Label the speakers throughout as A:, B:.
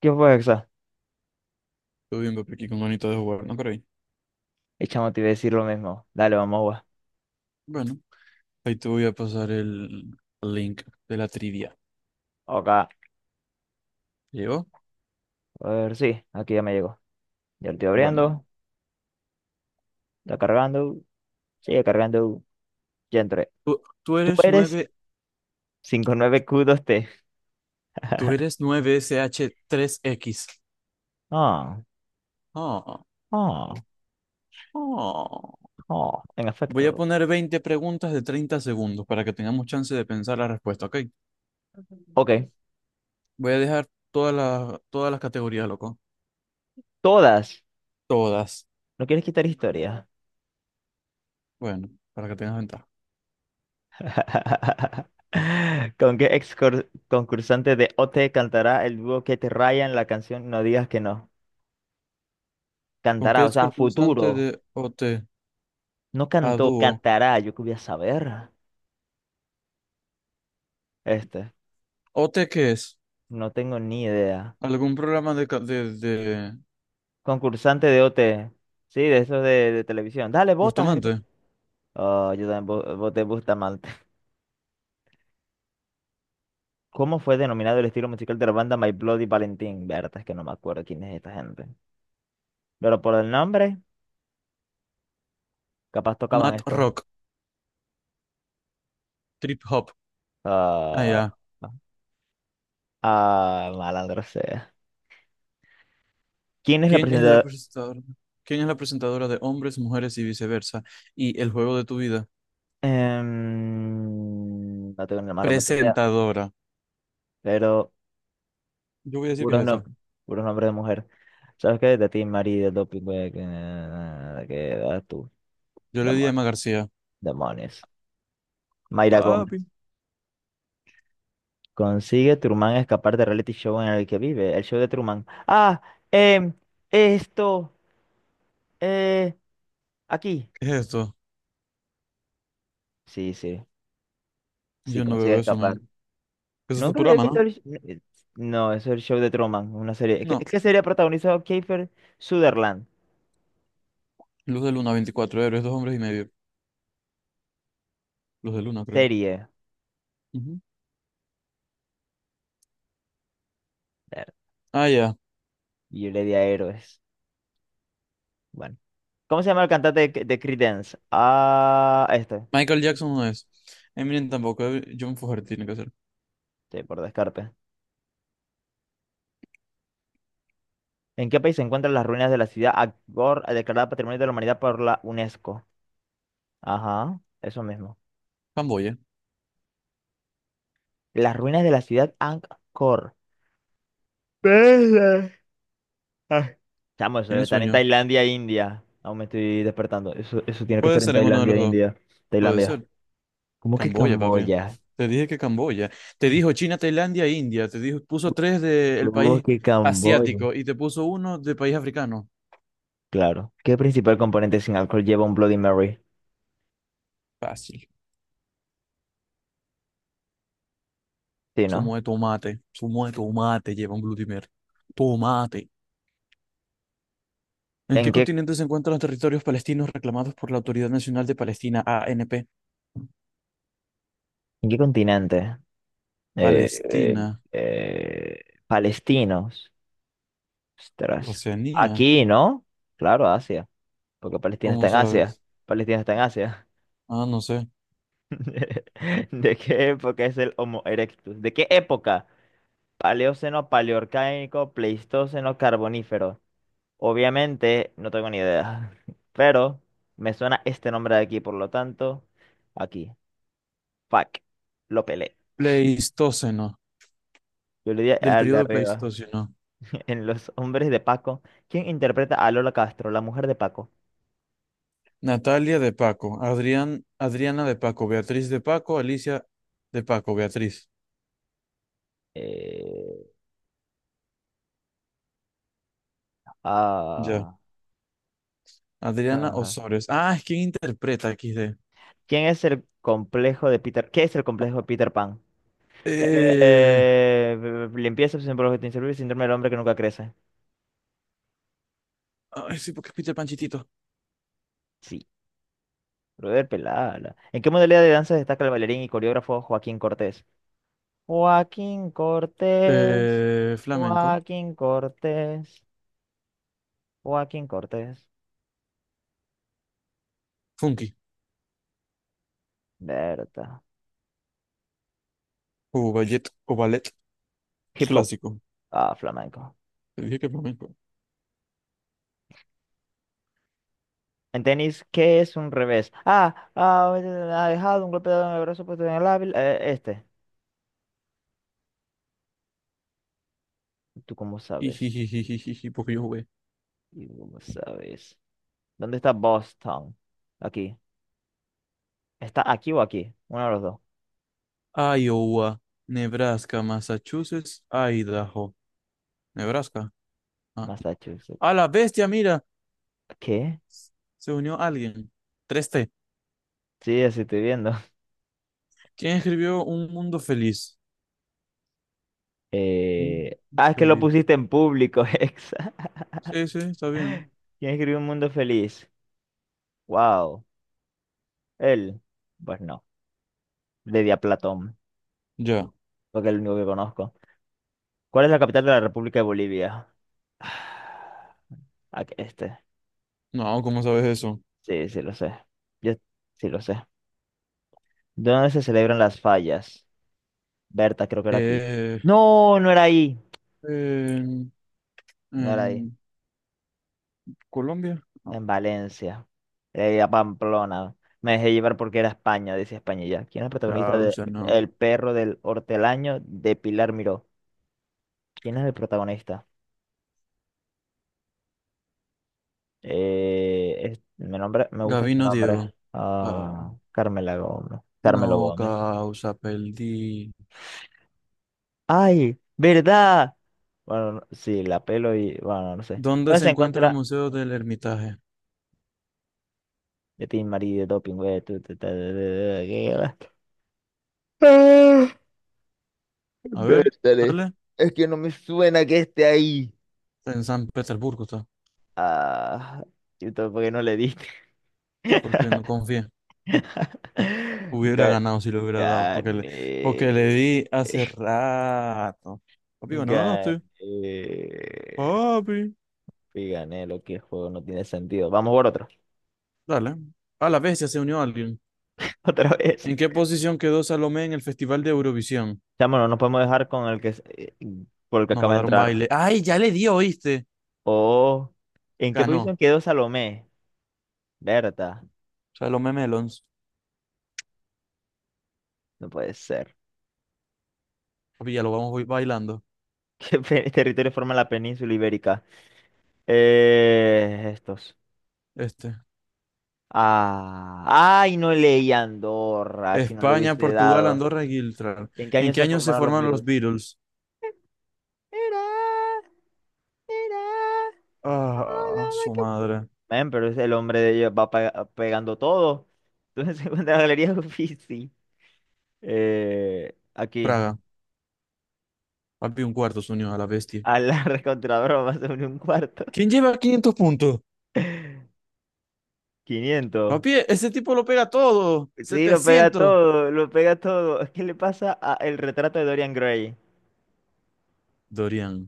A: ¿Qué fue eso?
B: Todo bien, papi, aquí con manito de jugar, ¿no creí?
A: Y chamo, te iba a decir lo mismo. Dale, vamos, gua.
B: Bueno, ahí te voy a pasar el link de la trivia.
A: Acá.
B: ¿Llegó?
A: A ver, sí, aquí ya me llegó. Ya lo estoy
B: Bueno,
A: abriendo. Está cargando. Sigue cargando. Ya entré.
B: tú
A: Tú
B: eres
A: eres
B: nueve.
A: cinco nueve q dos t
B: Tú eres 9 sh tres x.
A: Ah,
B: Ah.
A: ah,
B: Ah.
A: en
B: Voy a
A: efecto.
B: poner 20 preguntas de 30 segundos para que tengamos chance de pensar la respuesta, ¿ok?
A: Ok,
B: Voy a dejar todas las categorías, loco.
A: todas.
B: Todas.
A: ¿No quieres quitar historia?
B: Bueno, para que tengas ventaja.
A: ¿Con qué concursante de OT cantará el dúo que te raya en la canción No digas que no?
B: ¿Con qué
A: Cantará, o
B: es
A: sea,
B: constante
A: futuro.
B: de OT
A: No
B: a
A: cantó,
B: dúo?
A: cantará. Yo qué voy a saber. Este,
B: ¿OT qué es?
A: no tengo ni idea.
B: ¿Algún programa de
A: Concursante de OT. Sí, de esos de televisión. Dale, botas. Eso.
B: Bustamante.
A: Oh, yo también voté Bustamante. ¿Cómo fue denominado el estilo musical de la banda My Bloody Valentine? Verdad, es que no me acuerdo quién es esta gente. Pero por el nombre, capaz tocaban
B: Matt
A: esto.
B: Rock. Trip Hop. Ah,
A: Ah,
B: ya.
A: malandro sea. ¿Quién es la
B: ¿Quién es la
A: presentadora?
B: presentadora? ¿Quién es la presentadora de Hombres, Mujeres y Viceversa? Y El Juego de tu Vida.
A: No tengo ni la más remota idea.
B: Presentadora.
A: Pero
B: Yo voy a decir que es
A: puros, no,
B: esta.
A: puros nombres de mujer. ¿Sabes qué? De ti, Mari, del doping, güey, que vas tú.
B: Yo le di a
A: Demon-
B: Emma García.
A: demonios. Mayra
B: Papi.
A: Gómez. Consigue Truman escapar del reality show en el que vive. El show de Truman. Em, esto, eh, aquí.
B: ¿Qué es esto?
A: Sí, sí
B: Yo no
A: consigue
B: veo eso,
A: escapar.
B: man. Eso es
A: Nunca había
B: Futurama,
A: visto
B: ¿no?
A: el... No, eso es el show de Truman, una serie.
B: No.
A: ¿Qué serie protagonizado Kiefer Sutherland?
B: Luz de Luna, 24 héroes, dos hombres y medio. Luz de Luna, creo.
A: Serie.
B: Ujú.
A: Ver,
B: Ah, ya.
A: yo le di a héroes. Bueno. ¿Cómo se llama el cantante de Creedence? Ah, este.
B: Michael Jackson no es. Eminem tampoco. John Fogerty tiene que ser.
A: Sí, por descarte. ¿En qué país se encuentran las ruinas de la ciudad Angkor declarada Patrimonio de la Humanidad por la UNESCO? Ajá, eso mismo.
B: Camboya.
A: Las ruinas de la ciudad Angkor. Verga. Ah, chamo, eso debe
B: Tiene
A: estar en
B: sueño.
A: Tailandia, India. Aún me estoy despertando. Eso tiene que
B: Puede
A: estar en
B: ser en uno de
A: Tailandia,
B: los dos.
A: India.
B: Puede
A: Tailandia.
B: ser.
A: ¿Cómo que
B: Camboya, papi.
A: Camboya?
B: Te dije que Camboya. Te dijo China, Tailandia, e India. Te dijo, puso tres del
A: ¿Cómo
B: país
A: que Camboya?
B: asiático y te puso uno de país africano.
A: Claro. ¿Qué principal componente sin alcohol lleva un Bloody Mary?
B: Fácil.
A: Sí,
B: Zumo
A: ¿no?
B: de tomate. Zumo de tomate lleva un glutimer. Tomate. ¿En qué
A: ¿En qué,
B: continente se encuentran los territorios palestinos reclamados por la Autoridad Nacional de Palestina, ANP?
A: ¿en qué continente? eh, eh,
B: Palestina.
A: palestinos. Ostras.
B: Oceanía.
A: Aquí, ¿no? Claro, Asia. Porque Palestina está
B: ¿Cómo
A: en Asia.
B: sabes?
A: Palestina está en Asia.
B: Ah, no sé.
A: ¿De qué época es el Homo erectus? ¿De qué época? Paleoceno, paleorcaico, pleistoceno, carbonífero. Obviamente, no tengo ni idea. Pero me suena este nombre de aquí, por lo tanto, aquí. Fuck. Lo pelé.
B: Pleistoceno.
A: Yo le di
B: Del
A: al de
B: periodo
A: arriba.
B: Pleistoceno.
A: En Los Hombres de Paco, ¿quién interpreta a Lola Castro, la mujer de Paco?
B: Natalia de Paco, Adrián, Adriana de Paco, Beatriz de Paco, Alicia de Paco, Beatriz.
A: Eh,
B: Ya.
A: ah,
B: Adriana
A: ah.
B: Osores. Ah, es quien interpreta XD.
A: ¿Quién es el complejo de Peter? ¿Qué es el complejo de Peter Pan?
B: Eh,
A: Limpieza, obsesión por objeto inservible, síndrome del hombre que nunca crece.
B: ay, sí, porque es Peter Panchitito.
A: Sí, brother, pelada. ¿En qué modalidad de danza destaca el bailarín y coreógrafo Joaquín Cortés? Joaquín Cortés,
B: Flamenco.
A: Joaquín Cortés, Joaquín Cortés.
B: Funky.
A: Berta.
B: O ballet
A: Hip hop.
B: clásico.
A: Ah, flamenco.
B: Te dije que flamenco.
A: En tenis, ¿qué es un revés? Ha dejado un golpe de brazo puesto en el hábil. ¿Tú cómo sabes?
B: Ijijijijiji, porque yo jugué.
A: ¿Y tú cómo sabes? ¿Dónde está Boston? Aquí. ¿Está aquí o aquí? Uno de los dos.
B: Iowa, Nebraska, Massachusetts, Idaho. Nebraska. Ah.
A: Massachusetts.
B: A la bestia, mira.
A: ¿Qué?
B: Se unió alguien. Tres t.
A: Sí, así estoy viendo.
B: ¿Quién escribió Un Mundo Feliz? Un Mundo
A: Ah, es que lo
B: Feliz.
A: pusiste en público, Hexa.
B: Sí, sí, está bien.
A: ¿Quién escribió Un Mundo Feliz? Wow. Él. Pues no. Le di a Platón,
B: Ya.
A: porque es el único que conozco. ¿Cuál es la capital de la República de Bolivia? Ah, este.
B: No, ¿cómo sabes eso?
A: Sí, sí lo sé. Yo sí lo sé. ¿Dónde se celebran las fallas? Berta, creo que era aquí.
B: Eh,
A: No, no era ahí.
B: en,
A: No era ahí.
B: en Colombia. No,
A: En Valencia. Era ir a Pamplona. Me dejé llevar porque era España, decía España y ya. ¿Quién es el protagonista de
B: causa, no.
A: El perro del hortelaño de Pilar Miró? ¿Quién es el protagonista? Mi nombre, me gusta este
B: Gabino Diego.
A: nombre.
B: Ah,
A: Ah, Carmela Gómez. Carmelo
B: no,
A: Gómez.
B: causa, perdí.
A: ¡Ay! ¿Verdad? Bueno, no- sí, la pelo y. Bueno, no sé.
B: ¿Dónde
A: ¿Dónde
B: se
A: se
B: encuentra el
A: encuentra
B: Museo del Hermitage?
A: de Team Marie de doping, güey. Tu, ta, ta, ta, ta, ta. Ah,
B: A ver,
A: Vértale.
B: dale.
A: Es que no me suena que esté ahí.
B: En San Petersburgo está,
A: Ah, y todo porque no le diste.
B: porque no confié. Hubiera
A: Ga-
B: ganado si lo hubiera dado, porque le
A: Gané.
B: di hace rato. Papi,
A: Gané.
B: ganaste. Papi.
A: Y gané lo que el juego no tiene sentido. Vamos por otro.
B: Dale. A la bestia se unió alguien.
A: Otra vez.
B: ¿En qué posición quedó Salomé en el Festival de Eurovisión?
A: Chamo, no nos podemos dejar con el que por el que
B: Nos va
A: acaba
B: a
A: de
B: dar un
A: entrar.
B: baile. ¡Ay, ya le dio, oíste!
A: Oh, ¿en qué posición
B: Ganó.
A: quedó Salomé? Berta.
B: Salomé Melons.
A: No puede ser.
B: Papi, ya lo vamos hoy bailando.
A: ¿Qué territorio forma la península ibérica? Estos.
B: Este.
A: Ah, ay, no leí Andorra, si no le
B: España,
A: hubiese
B: Portugal,
A: dado.
B: Andorra y Gibraltar.
A: ¿En qué
B: ¿En
A: año
B: qué
A: se
B: año se
A: formaron los
B: formaron
A: virus?
B: los Beatles?
A: Era, era, oh,
B: Ah,
A: no, my
B: su
A: God.
B: madre.
A: Men, pero es el hombre de ellos va pegando todo. Entonces se encuentra la galería Uffizi. Aquí.
B: Praga. Papi, un cuarto se unió a la bestia.
A: A la recontradora más sobre un cuarto.
B: ¿Quién lleva 500 puntos?
A: 500.
B: Papi, ese tipo lo pega todo.
A: Sí, lo pega
B: 700.
A: todo, lo pega todo. ¿Qué le pasa a el retrato de Dorian Gray?
B: Dorian.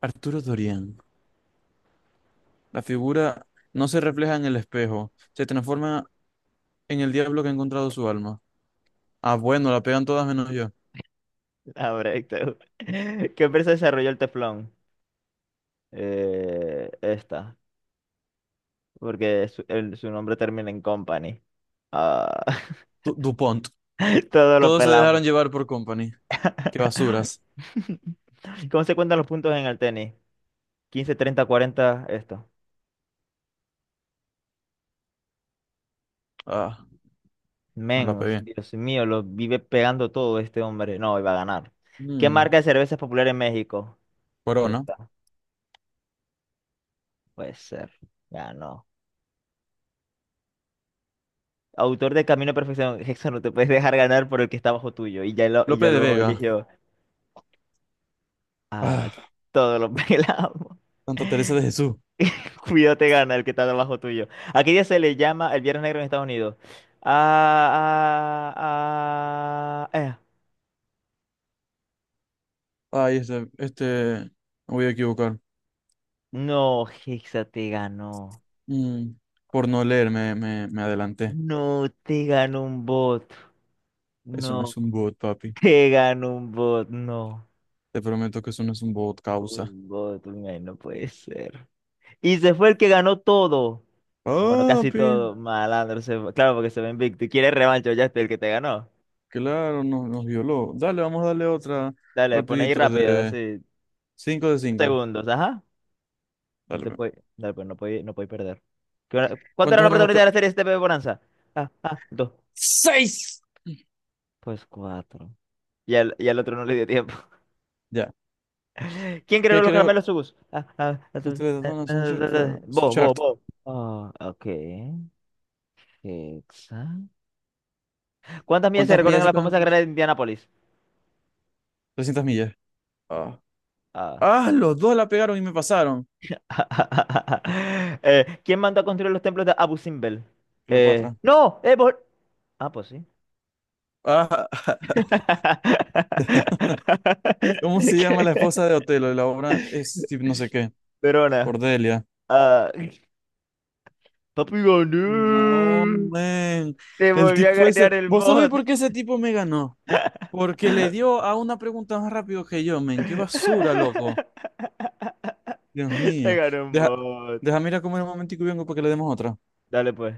B: Arturo Dorian. La figura no se refleja en el espejo, se transforma en el diablo que ha encontrado su alma. Ah, bueno, la pegan todas menos yo.
A: Ah, perfecto. ¿Qué empresa desarrolló el teflón? Esta, porque su nombre termina en company. Ah,
B: DuPont.
A: todo lo
B: Todos se dejaron
A: pelamos.
B: llevar por Company. Qué basuras.
A: ¿Cómo se cuentan los puntos en el tenis? 15, 30, 40, esto.
B: Ah, no la
A: Menos,
B: pegué.
A: Dios mío, lo vive pegando todo este hombre. No, iba a ganar. ¿Qué
B: Mm,
A: marca de cerveza es popular en México?
B: Corona.
A: Esta, puede ser. Ganó. Autor de Camino a Perfección. Eso no te puedes dejar ganar por el que está bajo tuyo. Y y
B: Lope
A: ya
B: de
A: lo
B: Vega.
A: eligió. A
B: Ah,
A: todos los pelamos.
B: Santa Teresa de Jesús.
A: Cuidado te gana el que está debajo tuyo. ¿A qué día se le llama el Viernes Negro en Estados Unidos? Ah, ah, ah, eh.
B: Ay, este, me voy a equivocar.
A: No, Hexa te ganó.
B: Mm, por no leer me adelanté.
A: No te ganó un bot.
B: Eso no es
A: No,
B: un bot, papi.
A: te ganó un bot. No.
B: Te prometo que eso no es un bot, causa.
A: Un bot, un ay, no puede ser. Y se fue el que ganó todo. Bueno, casi
B: Papi.
A: todo. Malandro, se fue. Claro, porque se ve invicto. Y quiere revancha, ya está el que te ganó.
B: Claro, nos violó. Dale, vamos a darle otra
A: Dale, pon ahí
B: rapidito
A: rápido,
B: de
A: así.
B: 5 de 5.
A: Segundos, ajá. No
B: Dale.
A: te
B: Pe.
A: puede, dale, pues, no puede, no puede perder. ¿Cuánto era
B: ¿Cuántos
A: la
B: eran los...
A: oportunidad
B: pre-
A: de la serie este STP Bonanza? Dos.
B: ¡Seis!
A: Pues cuatro. Y y al otro no le dio tiempo.
B: Ya.
A: ¿Quién creó
B: ¿Qué
A: los
B: creo?
A: caramelos Subus? Subus.
B: Ustedes son- son su
A: Vos, vos,
B: chart.
A: vos. Ah, ok. Hexa. ¿Cuántas millas se
B: ¿Cuántas
A: recorren
B: millas
A: a
B: se
A: la
B: quedan?
A: famosa carrera de Indianápolis?
B: 300 millas. Ah.
A: Ah.
B: Ah, los dos la pegaron y me pasaron.
A: ¿Quién mandó a construir los templos de Abu Simbel?
B: Cleopatra.
A: No, vos- Ah, pues sí.
B: Ah, ¿cómo se llama la esposa de Otelo? Y la obra es tipo no sé qué.
A: Verona,
B: Cordelia.
A: ah, papi
B: No,
A: gané.
B: man.
A: Te
B: El
A: volví a
B: tipo ese.
A: ganar el
B: ¿Vos sabés por
A: bot.
B: qué ese tipo me ganó? Porque le dio a una pregunta más rápido que yo, men. Qué basura, loco. Dios
A: Te
B: mío.
A: ganó un
B: Deja,
A: bot.
B: deja, mira comer un momentico y vengo para que le demos otra.
A: Dale pues.